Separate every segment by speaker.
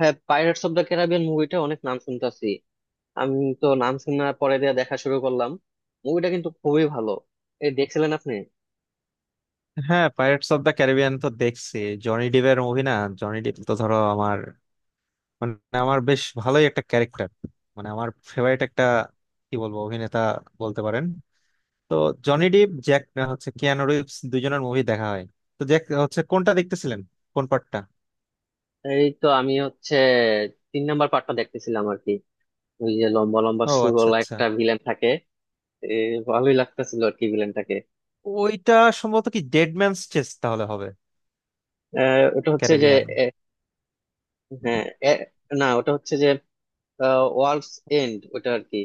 Speaker 1: হ্যাঁ, Pirates of the Caribbean মুভিটা অনেক নাম শুনতাছি। আমি তো নাম শোনার পরে দিয়ে দেখা শুরু করলাম। মুভিটা কিন্তু খুবই ভালো। এই দেখছিলেন আপনি?
Speaker 2: হ্যাঁ, পাইরেটস অফ দ্য ক্যারিবিয়ান তো দেখছি। জনি ডিভের মুভি না? জনি ডিভ তো ধরো আমার, মানে আমার বেশ ভালোই একটা ক্যারেক্টার, মানে আমার ফেভারিট একটা, কি বলবো, অভিনেতা বলতে পারেন। তো জনি ডিভ জ্যাক হচ্ছে, কিয়ানো রিভস, দুজনের মুভি দেখা হয়। তো জ্যাক হচ্ছে কোনটা দেখতেছিলেন? কোন পার্টটা?
Speaker 1: এই তো আমি হচ্ছে তিন নাম্বার পার্টটা দেখতেছিলাম আর কি। ওই যে লম্বা লম্বা
Speaker 2: ও আচ্ছা
Speaker 1: সুরওয়ালা
Speaker 2: আচ্ছা।
Speaker 1: একটা ভিলেন থাকে। এ, ভালোই লাগতেছিল আর কি ভিলেনটাকে।
Speaker 2: ওইটা সম্ভবত কি ডেড ম্যানস চেস্ট তাহলে হবে।
Speaker 1: ওটা হচ্ছে যে
Speaker 2: ক্যারিবিয়ান।
Speaker 1: এ, হ্যাঁ। এ, না, ওটা হচ্ছে যে ওয়ার্ল্ডস এন্ড ওটা আর কি।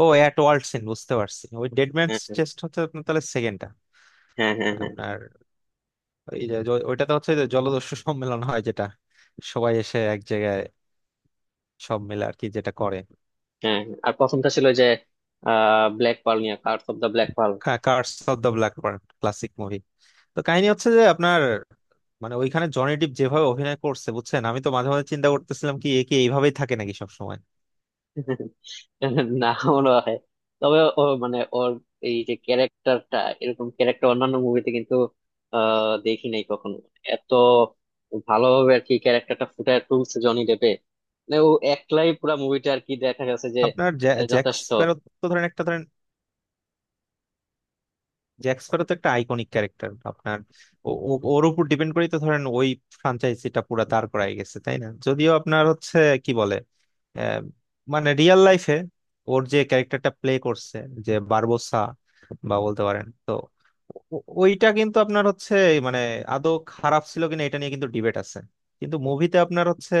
Speaker 2: ও অ্যাট ওয়ার্ল্ড সিন, বুঝতে পারছি। ওই ডেড ম্যানস
Speaker 1: হ্যাঁ,
Speaker 2: চেস্ট হচ্ছে আপনার তাহলে
Speaker 1: হ্যাঁ, হ্যাঁ, হ্যাঁ,
Speaker 2: সেকেন্ডটা। এই যে ওইটাতে হচ্ছে যে জলদস্যু সম্মেলন হয় যেটা, সবাই এসে এক জায়গায় সব মিলে আর কি যেটা করে।
Speaker 1: হ্যাঁ, হ্যাঁ। আর প্রথমটা ছিল যে ব্ল্যাক পার্ল নিয়ে, curse of the black pearl.
Speaker 2: Curse of the black বার্ন, ক্লাসিক মুভি। তো কাহিনী হচ্ছে যে আপনার, মানে ওইখানে জনি ডিপ যেভাবে অভিনয় করছে বুঝছেন, আমি তো মাঝে মাঝে চিন্তা করতেছিলাম কি, এ কি এইভাবেই থাকে নাকি সবসময়।
Speaker 1: না মনে হয়। তবে ও মানে ওর এই যে ক্যারেক্টারটা, এরকম ক্যারেক্টার অন্যান্য মুভিতে কিন্তু দেখি নাই কখনো, এত ভালোভাবে আর কি ক্যারেক্টারটা ফুটায় তুলছে জনি ডেপে। মানে ও একলাই পুরো মুভিটা আর কি দেখা গেছে যে।
Speaker 2: আপনার জ্যাক
Speaker 1: যথেষ্ট।
Speaker 2: স্প্যারো। তো ধরেন একটা, ধরেন জ্যাক স্প্যারো তো একটা আইকনিক ক্যারেক্টার আপনার। ওর উপর ডিপেন্ড করেই তো ধরেন ওই ফ্রাঞ্চাইজিটা পুরা দাঁড় করায় গেছে, তাই না? যদিও আপনার হচ্ছে, কি বলে, আহ, মানে রিয়েল লাইফে ওর যে ক্যারেক্টারটা প্লে করছে, যে বারবোসা, বা বলতে পারেন তো, ওইটা কিন্তু আপনার হচ্ছে, মানে আদৌ খারাপ ছিল কিনা এটা নিয়ে কিন্তু ডিবেট আছে। কিন্তু মুভিতে আপনার হচ্ছে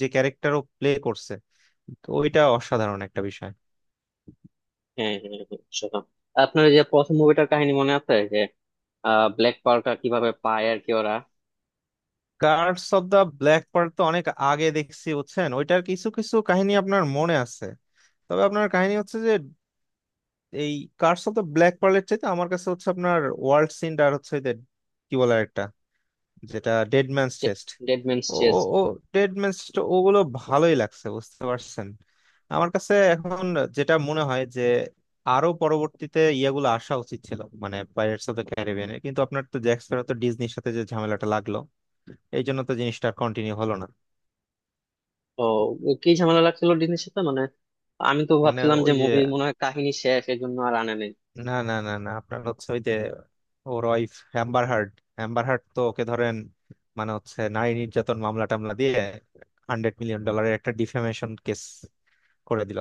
Speaker 2: যে ক্যারেক্টার ও প্লে করছে, তো ওইটা অসাধারণ একটা বিষয়।
Speaker 1: হ্যাঁ, হ্যাঁ, হ্যাঁ, সেরকম। আপনার ওই যে প্রথম মুভিটার কাহিনী মনে আছে যে ব্ল্যাক পার্কার কিভাবে পায় আর কি ওরা?
Speaker 2: Curse of the black part তো অনেক আগে দেখছি বুঝছেন, ওইটার কিছু কিছু কাহিনী আপনার মনে আছে। তবে আপনার কাহিনী হচ্ছে যে, এই কার্স অফ দা ব্ল্যাক পার্লের চাইতে আমার কাছে হচ্ছে আপনার ওয়ার্ল্ড সিন, আর হচ্ছে ওই যে, কি বলে একটা, যেটা ডেড ম্যানস চেস্ট।
Speaker 1: ডেডম্যানস
Speaker 2: ও
Speaker 1: চেস?
Speaker 2: ও ও ডেড ম্যানস চেস্ট, ওগুলো ভালোই লাগছে বুঝতে পারছেন। আমার কাছে এখন যেটা মনে হয় যে আরো পরবর্তীতে ইয়েগুলো আসা উচিত ছিল মানে পাইরেটস অফ দ্য ক্যারিবিয়ানে, কিন্তু আপনার তো জ্যাক স্প্যারো তো ডিজনির সাথে যে ঝামেলাটা লাগলো, এই জন্য তো জিনিসটা কন্টিনিউ হলো না।
Speaker 1: ও। কি ঝামেলা লাগছিল ডিনের সাথে মানে? আমি তো
Speaker 2: মানে
Speaker 1: ভাবছিলাম যে
Speaker 2: ওই যে,
Speaker 1: মুভি মনে হয় কাহিনী শেষ, এই জন্য আর আনে নেই।
Speaker 2: না না না না, আপনার হচ্ছে ওই যে ওর wife Amber Heard. Amber Heard তো ওকে ধরেন, মানে হচ্ছে নারী নির্যাতন মামলা টামলা দিয়ে 100 মিলিয়ন ডলারের একটা ডিফেমেশন কেস করে দিল।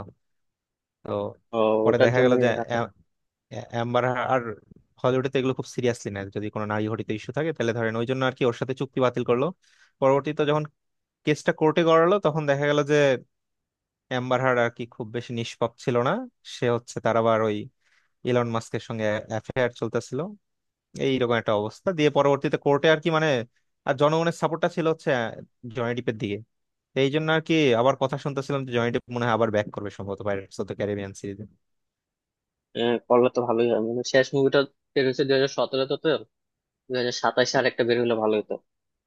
Speaker 2: তো
Speaker 1: ও।
Speaker 2: পরে
Speaker 1: ওটার
Speaker 2: দেখা
Speaker 1: জন্য।
Speaker 2: গেল যে অ্যা- অ্যা- অ্যাম্বার আর হলিউডে তো এগুলো খুব সিরিয়াসলি নেয়, যদি কোনো নারী ঘটিত ইস্যু থাকে তাহলে ধরেন ওই জন্য আর কি ওর সাথে চুক্তি বাতিল করলো। পরবর্তীতে যখন কেসটা কোর্টে গড়ালো তখন দেখা গেল যে অ্যাম্বার হার্ড আর কি খুব বেশি নিষ্পাপ ছিল না। সে হচ্ছে, তার আবার ওই ইলন মাস্কের সঙ্গে অ্যাফেয়ার চলতেছিল, এইরকম একটা অবস্থা দিয়ে পরবর্তীতে কোর্টে আর কি মানে, আর জনগণের সাপোর্টটা ছিল হচ্ছে জনি ডিপের দিকে। এই জন্য আর কি আবার কথা শুনতেছিলাম যে জনি ডিপ মনে হয় আবার ব্যাক করবে সম্ভবত পাইরেটস অফ দ্য ক্যারিবিয়ান সিরিজে।
Speaker 1: করলে তো ভালোই হয়, মানে শেষ মুভিটা বের হয়েছে 2017-তে তো। 2027-এ আর একটা বের হলে ভালো হতো।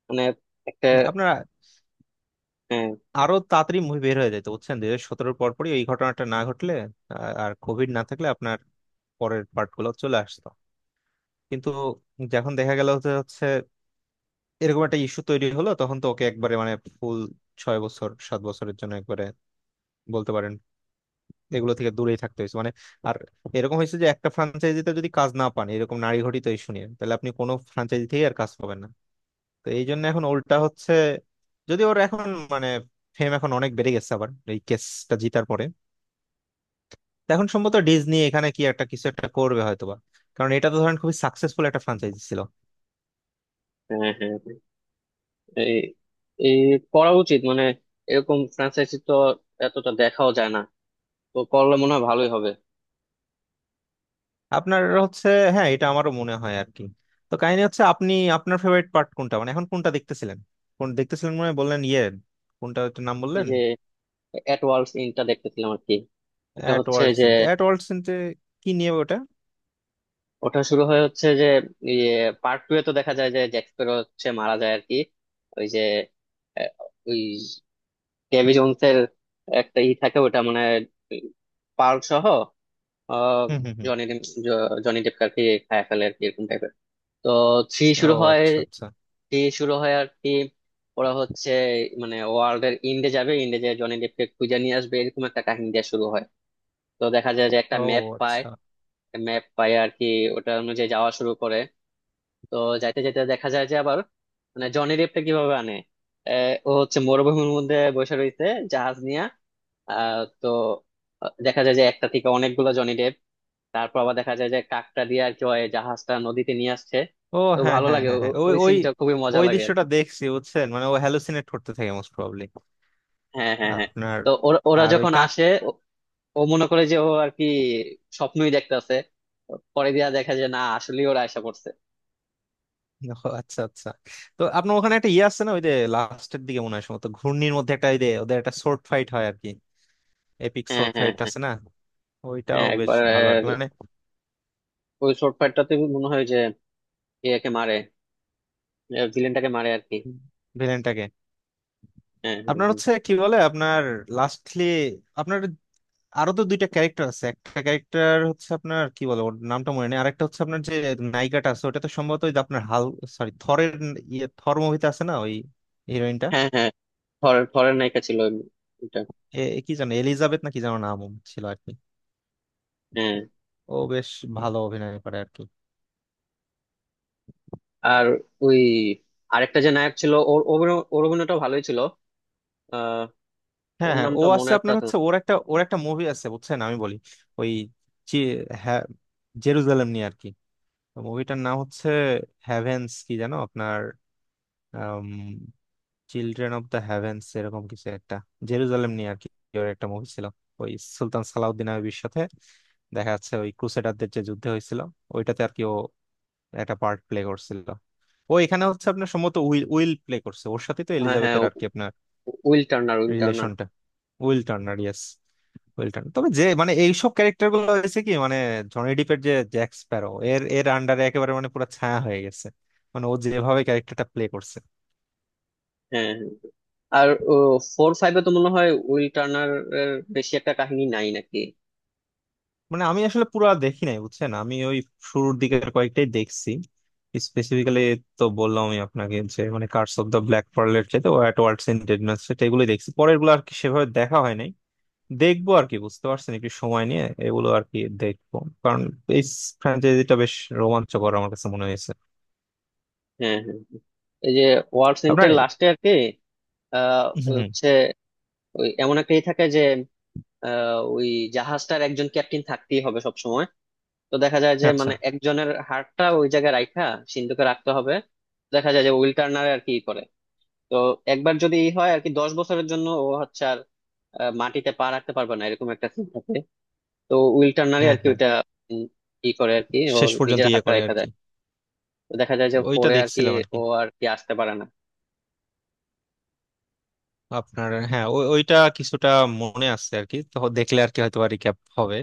Speaker 1: মানে একটা।
Speaker 2: আপনারা
Speaker 1: হ্যাঁ,
Speaker 2: আরো তাড়াতাড়ি মুভি বের হয়ে যেত বুঝছেন, 2017-এর পরপরই ওই ঘটনাটা না ঘটলে আর কোভিড না থাকলে আপনার পরের পার্ট গুলো চলে আসতো। কিন্তু যখন দেখা গেল হচ্ছে হচ্ছে এরকম একটা ইস্যু তৈরি হলো তখন তো ওকে একবারে মানে ফুল 6 বছর 7 বছরের জন্য একবারে বলতে পারেন এগুলো থেকে দূরেই থাকতে হয়েছে মানে। আর এরকম হয়েছে যে একটা ফ্রাঞ্চাইজিতে যদি কাজ না পান এরকম নারী ঘটিত ইস্যু নিয়ে, তাহলে আপনি কোনো ফ্রাঞ্চাইজি থেকে আর কাজ পাবেন না। তো এই জন্য এখন উল্টা হচ্ছে, যদি ওর এখন মানে ফেম এখন অনেক বেড়ে গেছে আবার এই কেসটা জিতার পরে, এখন সম্ভবত ডিজনি এখানে কি একটা কিছু একটা করবে হয়তোবা। কারণ এটা তো ধরেন খুবই সাকসেসফুল একটা ফ্রাঞ্চাইজি ছিল।
Speaker 1: হ্যাঁ, হ্যাঁ, হ্যাঁ। এই এই করা উচিত মানে। এরকম ফ্র্যাঞ্চাইজি তো এতটা দেখাও যায় না। তো করলে মনে হয় ভালোই হবে।
Speaker 2: আপনার হচ্ছে, হ্যাঁ, এটা আমারও মনে হয় আর কি। তো কাহিনী হচ্ছে আপনি আপনার ফেভারিট পার্ট কোনটা, মানে এখন কোনটা দেখতেছিলেন? কোন দেখতেছিলেন মনে হয় বললেন ইয়ে, কোনটা ওটার নাম
Speaker 1: এই
Speaker 2: বললেন?
Speaker 1: যে এট ওয়ার্ল্ডস ইনটা দেখতেছিলাম আর কি। এটা
Speaker 2: অ্যাট
Speaker 1: হচ্ছে
Speaker 2: ওয়ার্ল্ড
Speaker 1: যে,
Speaker 2: সিনতে? অ্যাট ওয়ার্ল্ড সিনতে কি নিয়ে ওটা?
Speaker 1: ওটা শুরু হয় হচ্ছে যে ইয়ে পার্ট টু এ তো দেখা যায় যে জ্যাক স্প্যারো হচ্ছে মারা যায় আর কি। ওই যে আহ, ওই কেভি জোনস এর একটা ই থাকে ওটা, মানে পার্ল সহ। আহ,
Speaker 2: হুম হুম হুম।
Speaker 1: জনি ডেপ, জনি ডেপকে আর কি খায় ফেলে আর কি এরকম টাইপের। তো থ্রি
Speaker 2: ও
Speaker 1: শুরু হয়।
Speaker 2: আচ্ছা আচ্ছা।
Speaker 1: থ্রি শুরু হয় আর কি, ওরা হচ্ছে মানে ওয়ার্ল্ড এর ইন্ডে যাবে, ইন্ডে যে জনি ডেপকে খুঁজে নিয়ে আসবে, এরকম একটা কাহিনী দিয়ে শুরু হয়। তো দেখা যায় যে একটা
Speaker 2: ও
Speaker 1: ম্যাপ পায়।
Speaker 2: আচ্ছা।
Speaker 1: ম্যাপ পায় আর কি, ওটা অনুযায়ী যাওয়া শুরু করে। তো যাইতে যাইতে দেখা যায় যে আবার, মানে জনি রেপটা কিভাবে আনে। ও হচ্ছে মরুভূমির মধ্যে বসে রয়েছে জাহাজ নিয়ে। তো দেখা যায় যে একটা থেকে অনেকগুলো জনি ডেপ। তারপর আবার দেখা যায় যে কাকটা দিয়ে আর কি ওই জাহাজটা নদীতে নিয়ে আসছে।
Speaker 2: ও
Speaker 1: তো
Speaker 2: হ্যাঁ
Speaker 1: ভালো
Speaker 2: হ্যাঁ
Speaker 1: লাগে,
Speaker 2: হ্যাঁ হ্যাঁ, ওই
Speaker 1: ওই
Speaker 2: ওই
Speaker 1: সিনটা খুবই মজা
Speaker 2: ওই
Speaker 1: লাগে আর
Speaker 2: দৃশ্যটা
Speaker 1: কি।
Speaker 2: দেখছি বুঝছেন, মানে ও হ্যালুসিনেট করতে থাকে মোস্ট প্রবাবলি।
Speaker 1: হ্যাঁ, হ্যাঁ, হ্যাঁ।
Speaker 2: আপনার,
Speaker 1: তো ওরা ওরা
Speaker 2: আর ওই
Speaker 1: যখন
Speaker 2: কাক।
Speaker 1: আসে, ও ও মনে করে যে ও আর কি স্বপ্নই দেখতাছে। পরে দিয়া দেখা যায় না, আসলেই ওরা আশা করছে।
Speaker 2: ও আচ্ছা আচ্ছা। তো আপনার ওখানে একটা ইয়ে আছে না, ওই যে লাস্টের দিকে মনে হয় সম্ভবত ঘূর্ণির মধ্যে একটা ওই যে ওদের একটা শর্ট ফাইট হয় আর কি, এপিক
Speaker 1: হ্যাঁ,
Speaker 2: শর্ট
Speaker 1: হ্যাঁ,
Speaker 2: ফাইট
Speaker 1: হ্যাঁ।
Speaker 2: আছে না? ওইটাও
Speaker 1: হ্যাঁ,
Speaker 2: বেশ
Speaker 1: একবার
Speaker 2: ভালো আর কি মানে।
Speaker 1: ওই শর্ট ফাইটটাতে মনে হয় যে একে মারে, ভিলেনটাকে মারে আর কি।
Speaker 2: ভিলেনটাকে।
Speaker 1: হ্যাঁ হ্যাঁ,
Speaker 2: আপনার
Speaker 1: হ্যাঁ,
Speaker 2: হচ্ছে, কি বলে, আপনার লাস্টলি আপনার আরো তো দুইটা ক্যারেক্টার আছে, একটা ক্যারেক্টার হচ্ছে আপনার, কি বলে, ওর নামটা মনে নেই, আরেকটা হচ্ছে আপনার যে নায়িকাটা আছে, ওটা তো সম্ভবত ওই যে আপনার হাল, সরি, থরের, ইয়ে, থর মুভিতে আছে না ওই হিরোইনটা।
Speaker 1: হ্যাঁ। হ্যাঁ, ফরেন ফরেন নায়িকা ছিল ওটা।
Speaker 2: এ এ কি জানো এলিজাবেথ না কি জানো নাম ছিল আর কি।
Speaker 1: হ্যাঁ।
Speaker 2: ও বেশ ভালো অভিনয় করে আর কি।
Speaker 1: আর ওই আরেকটা যে নায়ক ছিল, ওর অভিনয়, ওর অভিনয়টা ভালোই ছিল। আহ
Speaker 2: হ্যাঁ
Speaker 1: ওর
Speaker 2: হ্যাঁ, ও
Speaker 1: নামটা মনে
Speaker 2: আছে আপনার
Speaker 1: আসতেছে না।
Speaker 2: হচ্ছে ওর একটা, ওর একটা মুভি আছে বুঝছেন, আমি বলি ওই চি- হ্যাঁ, জেরুজালেম নিয়ে আর কি। মুভিটার নাম হচ্ছে হ্যাভেন্স কি জানো আপনার, চিলড্রেন অফ দ্য হ্যাভেন্স এরকম কিছু একটা, জেরুজালেম নিয়ে আর কি ওর একটা মুভি ছিল। ওই সুলতান সালাউদ্দিন আইবির সাথে দেখা যাচ্ছে, ওই ক্রুসেডারদের যে যুদ্ধ হয়েছিল, ওইটাতে আর কি ও একটা পার্ট প্লে করছিল। ও এখানে হচ্ছে আপনার সম্ভবত উইল উইল প্লে করছে, ওর সাথে তো
Speaker 1: হ্যাঁ, হ্যাঁ,
Speaker 2: এলিজাবেথের আর কি
Speaker 1: উইল টার্নার, উইল টার্নার।
Speaker 2: রিলেশনটা। Will Turner, yes. Will Turner, তবে যে মানে এইসব ক্যারেক্টার গুলো হয়েছে কি মানে জনি ডিপের যে জ্যাক স্প্যারো এর এর আন্ডারে একেবারে মানে পুরো ছায়া হয়ে গেছে, মানে ও যেভাবে ক্যারেক্টারটা প্লে করছে।
Speaker 1: হ্যাঁ, হ্যাঁ, হ্যাঁ। আর ফোর ফাইভে তো মনে হয় উইল টার্নার এর বেশি একটা কাহিনী নাই নাকি।
Speaker 2: মানে আমি আসলে পুরো দেখি নাই বুঝছেন, আমি ওই শুরুর দিকের কয়েকটাই দেখছি স্পেসিফিক্যালি। তো বললাম আমি আপনাকে যে মানে কার্স অফ দ্য ব্ল্যাক পার্লের চাইতে ও অ্যাট ওয়ার্ল্ডস ইন ডেডনেস সেটা, এগুলোই দেখছি, পরের গুলো আর কি সেভাবে দেখা হয় নাই। দেখবো আর কি বুঝতে পারছেন, একটু সময় নিয়ে এগুলো আর কি দেখবো, কারণ এই ফ্র্যাঞ্চাইজিটা বেশ রোমাঞ্চকর আমার কাছে মনে হয়েছে।
Speaker 1: হ্যাঁ, হ্যাঁ, হ্যাঁ। এই যে ওয়ার সেন্টের
Speaker 2: আপনার,
Speaker 1: লাস্টে আর কি, আহ
Speaker 2: হম।
Speaker 1: হচ্ছে ওই এমন একটা ই থাকে যে ওই জাহাজটার একজন ক্যাপ্টেন থাকতেই হবে সব সময়। তো দেখা যায় যে
Speaker 2: আচ্ছা।
Speaker 1: মানে একজনের হাড়টা ওই জায়গায় রাখা, সিন্ধুকে রাখতে হবে। দেখা যায় যে উইল টার্নার আর কি ই করে। তো একবার যদি ই হয় আর কি, 10 বছরের জন্য ও হচ্ছে আর মাটিতে পা রাখতে পারবে না, এরকম একটা সিন থাকে। তো উইল টার্নারই
Speaker 2: হ্যাঁ
Speaker 1: আর কি
Speaker 2: হ্যাঁ।
Speaker 1: ওইটা উম, ই করে আর কি, ওর
Speaker 2: শেষ পর্যন্ত
Speaker 1: নিজের
Speaker 2: ইয়ে
Speaker 1: হাড়টা
Speaker 2: করে আর
Speaker 1: রেখে
Speaker 2: কি,
Speaker 1: দেয়। তো দেখা যায় যে
Speaker 2: ওইটা
Speaker 1: পরে আর কি
Speaker 2: দেখছিলাম আর কি।
Speaker 1: ও আর কি আসতে পারে না।
Speaker 2: আপনার, হ্যাঁ, ওইটা কিছুটা মনে আছে আর কি, তো দেখলে আর কি হয়তো আর রিক্যাপ হবে।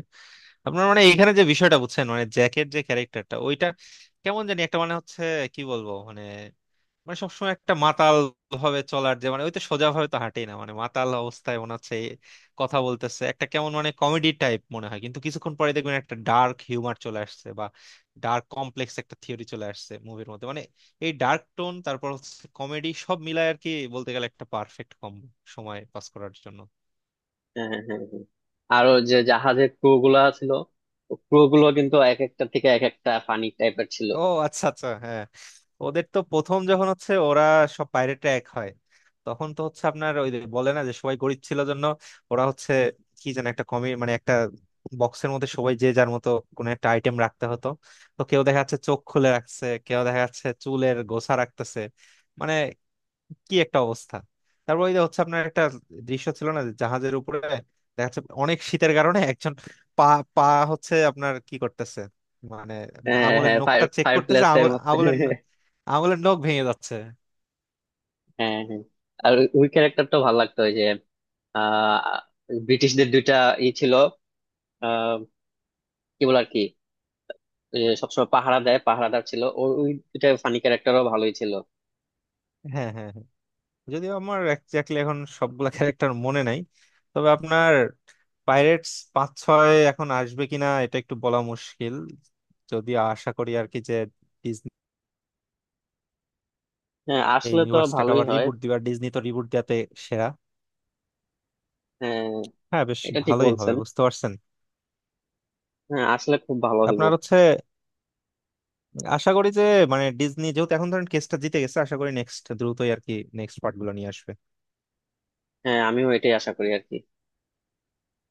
Speaker 2: আপনার, মানে এখানে যে বিষয়টা বুঝছেন মানে জ্যাকের যে ক্যারেক্টারটা ওইটা কেমন জানি একটা মানে হচ্ছে, কি বলবো মানে, মানে সবসময় একটা মাতাল ভাবে চলার যে, মানে ওই তো সোজা ভাবে তো হাঁটেই না, মানে মাতাল অবস্থায় মনে হচ্ছে এই কথা বলতেছে, একটা কেমন মানে কমেডি টাইপ মনে হয় কিন্তু কিছুক্ষণ পরে দেখবেন একটা ডার্ক হিউমার চলে আসছে বা ডার্ক কমপ্লেক্স একটা থিওরি চলে আসছে মুভির মধ্যে মানে। এই ডার্ক টোন তারপর হচ্ছে কমেডি, সব মিলায় আর কি বলতে গেলে একটা পারফেক্ট কম সময় পাস করার জন্য।
Speaker 1: হ্যাঁ, হ্যাঁ, হ্যাঁ, হ্যাঁ। আরো যে জাহাজের ক্রু গুলা ছিল, ক্রু গুলো কিন্তু এক একটা থেকে এক একটা ফানি টাইপের ছিল।
Speaker 2: ও আচ্ছা আচ্ছা, হ্যাঁ। ওদের তো প্রথম যখন হচ্ছে ওরা সব পাইরেটরা এক হয় তখন তো হচ্ছে আপনার ওই যে বলে না যে সবাই গরিব ছিল জন্য ওরা হচ্ছে, কি যেন একটা কমি মানে, একটা বক্সের মধ্যে সবাই যে যার মতো কোনো একটা আইটেম রাখতে হতো। তো কেউ দেখা যাচ্ছে চোখ খুলে রাখছে, কেউ দেখা যাচ্ছে চুলের গোছা রাখতেছে, মানে কি একটা অবস্থা। তারপর ওই যে হচ্ছে আপনার একটা দৃশ্য ছিল না যে জাহাজের উপরে দেখা যাচ্ছে অনেক শীতের কারণে একজন পা পা হচ্ছে আপনার কি করতেছে মানে
Speaker 1: হ্যাঁ,
Speaker 2: আঙুলের
Speaker 1: হ্যাঁ, ফায়ার
Speaker 2: নখটা চেক
Speaker 1: ফায়ার
Speaker 2: করতেছে,
Speaker 1: প্লেসের মধ্যে।
Speaker 2: আঙুলের নখ ভেঙে যাচ্ছে।
Speaker 1: হ্যাঁ, হ্যাঁ। আর ওই ক্যারেক্টারটা ভালো লাগতো, ওই যে আহ ব্রিটিশদের দুইটা ই ছিল, আহ কি বলে আর কি, ওই যে সবসময় পাহারা দেয়, পাহারাদার ছিল, ওর ওই দুইটা ফানি ক্যারেক্টারও ভালোই ছিল।
Speaker 2: হ্যাঁ হ্যাঁ হ্যাঁ। যদিও আমার একজাক্টলি এখন সবগুলা ক্যারেক্টার মনে নাই, তবে আপনার পাইরেটস পাঁচ ছয় এখন আসবে কিনা এটা একটু বলা মুশকিল। যদি আশা করি আর কি যে ডিজনি
Speaker 1: হ্যাঁ,
Speaker 2: এই
Speaker 1: আসলে তো
Speaker 2: ইউনিভার্সটাকে
Speaker 1: ভালোই
Speaker 2: আবার
Speaker 1: হয়।
Speaker 2: রিবুট দিবে, আর ডিজনি তো রিবুট দেওয়াতে সেরা।
Speaker 1: হ্যাঁ,
Speaker 2: হ্যাঁ, বেশ
Speaker 1: এটা ঠিক
Speaker 2: ভালোই হবে
Speaker 1: বলছেন।
Speaker 2: বুঝতে পারছেন।
Speaker 1: হ্যাঁ, আসলে খুব ভালো হইব।
Speaker 2: আপনার হচ্ছে, আশা করি যে, মানে ডিজনি যেহেতু এখন ধরেন কেসটা জিতে গেছে, আশা করি নেক্সট দ্রুতই আর কি নেক্সট পার্ট গুলো নিয়ে আসবে।
Speaker 1: হ্যাঁ, আমিও এটাই আশা করি আর কি।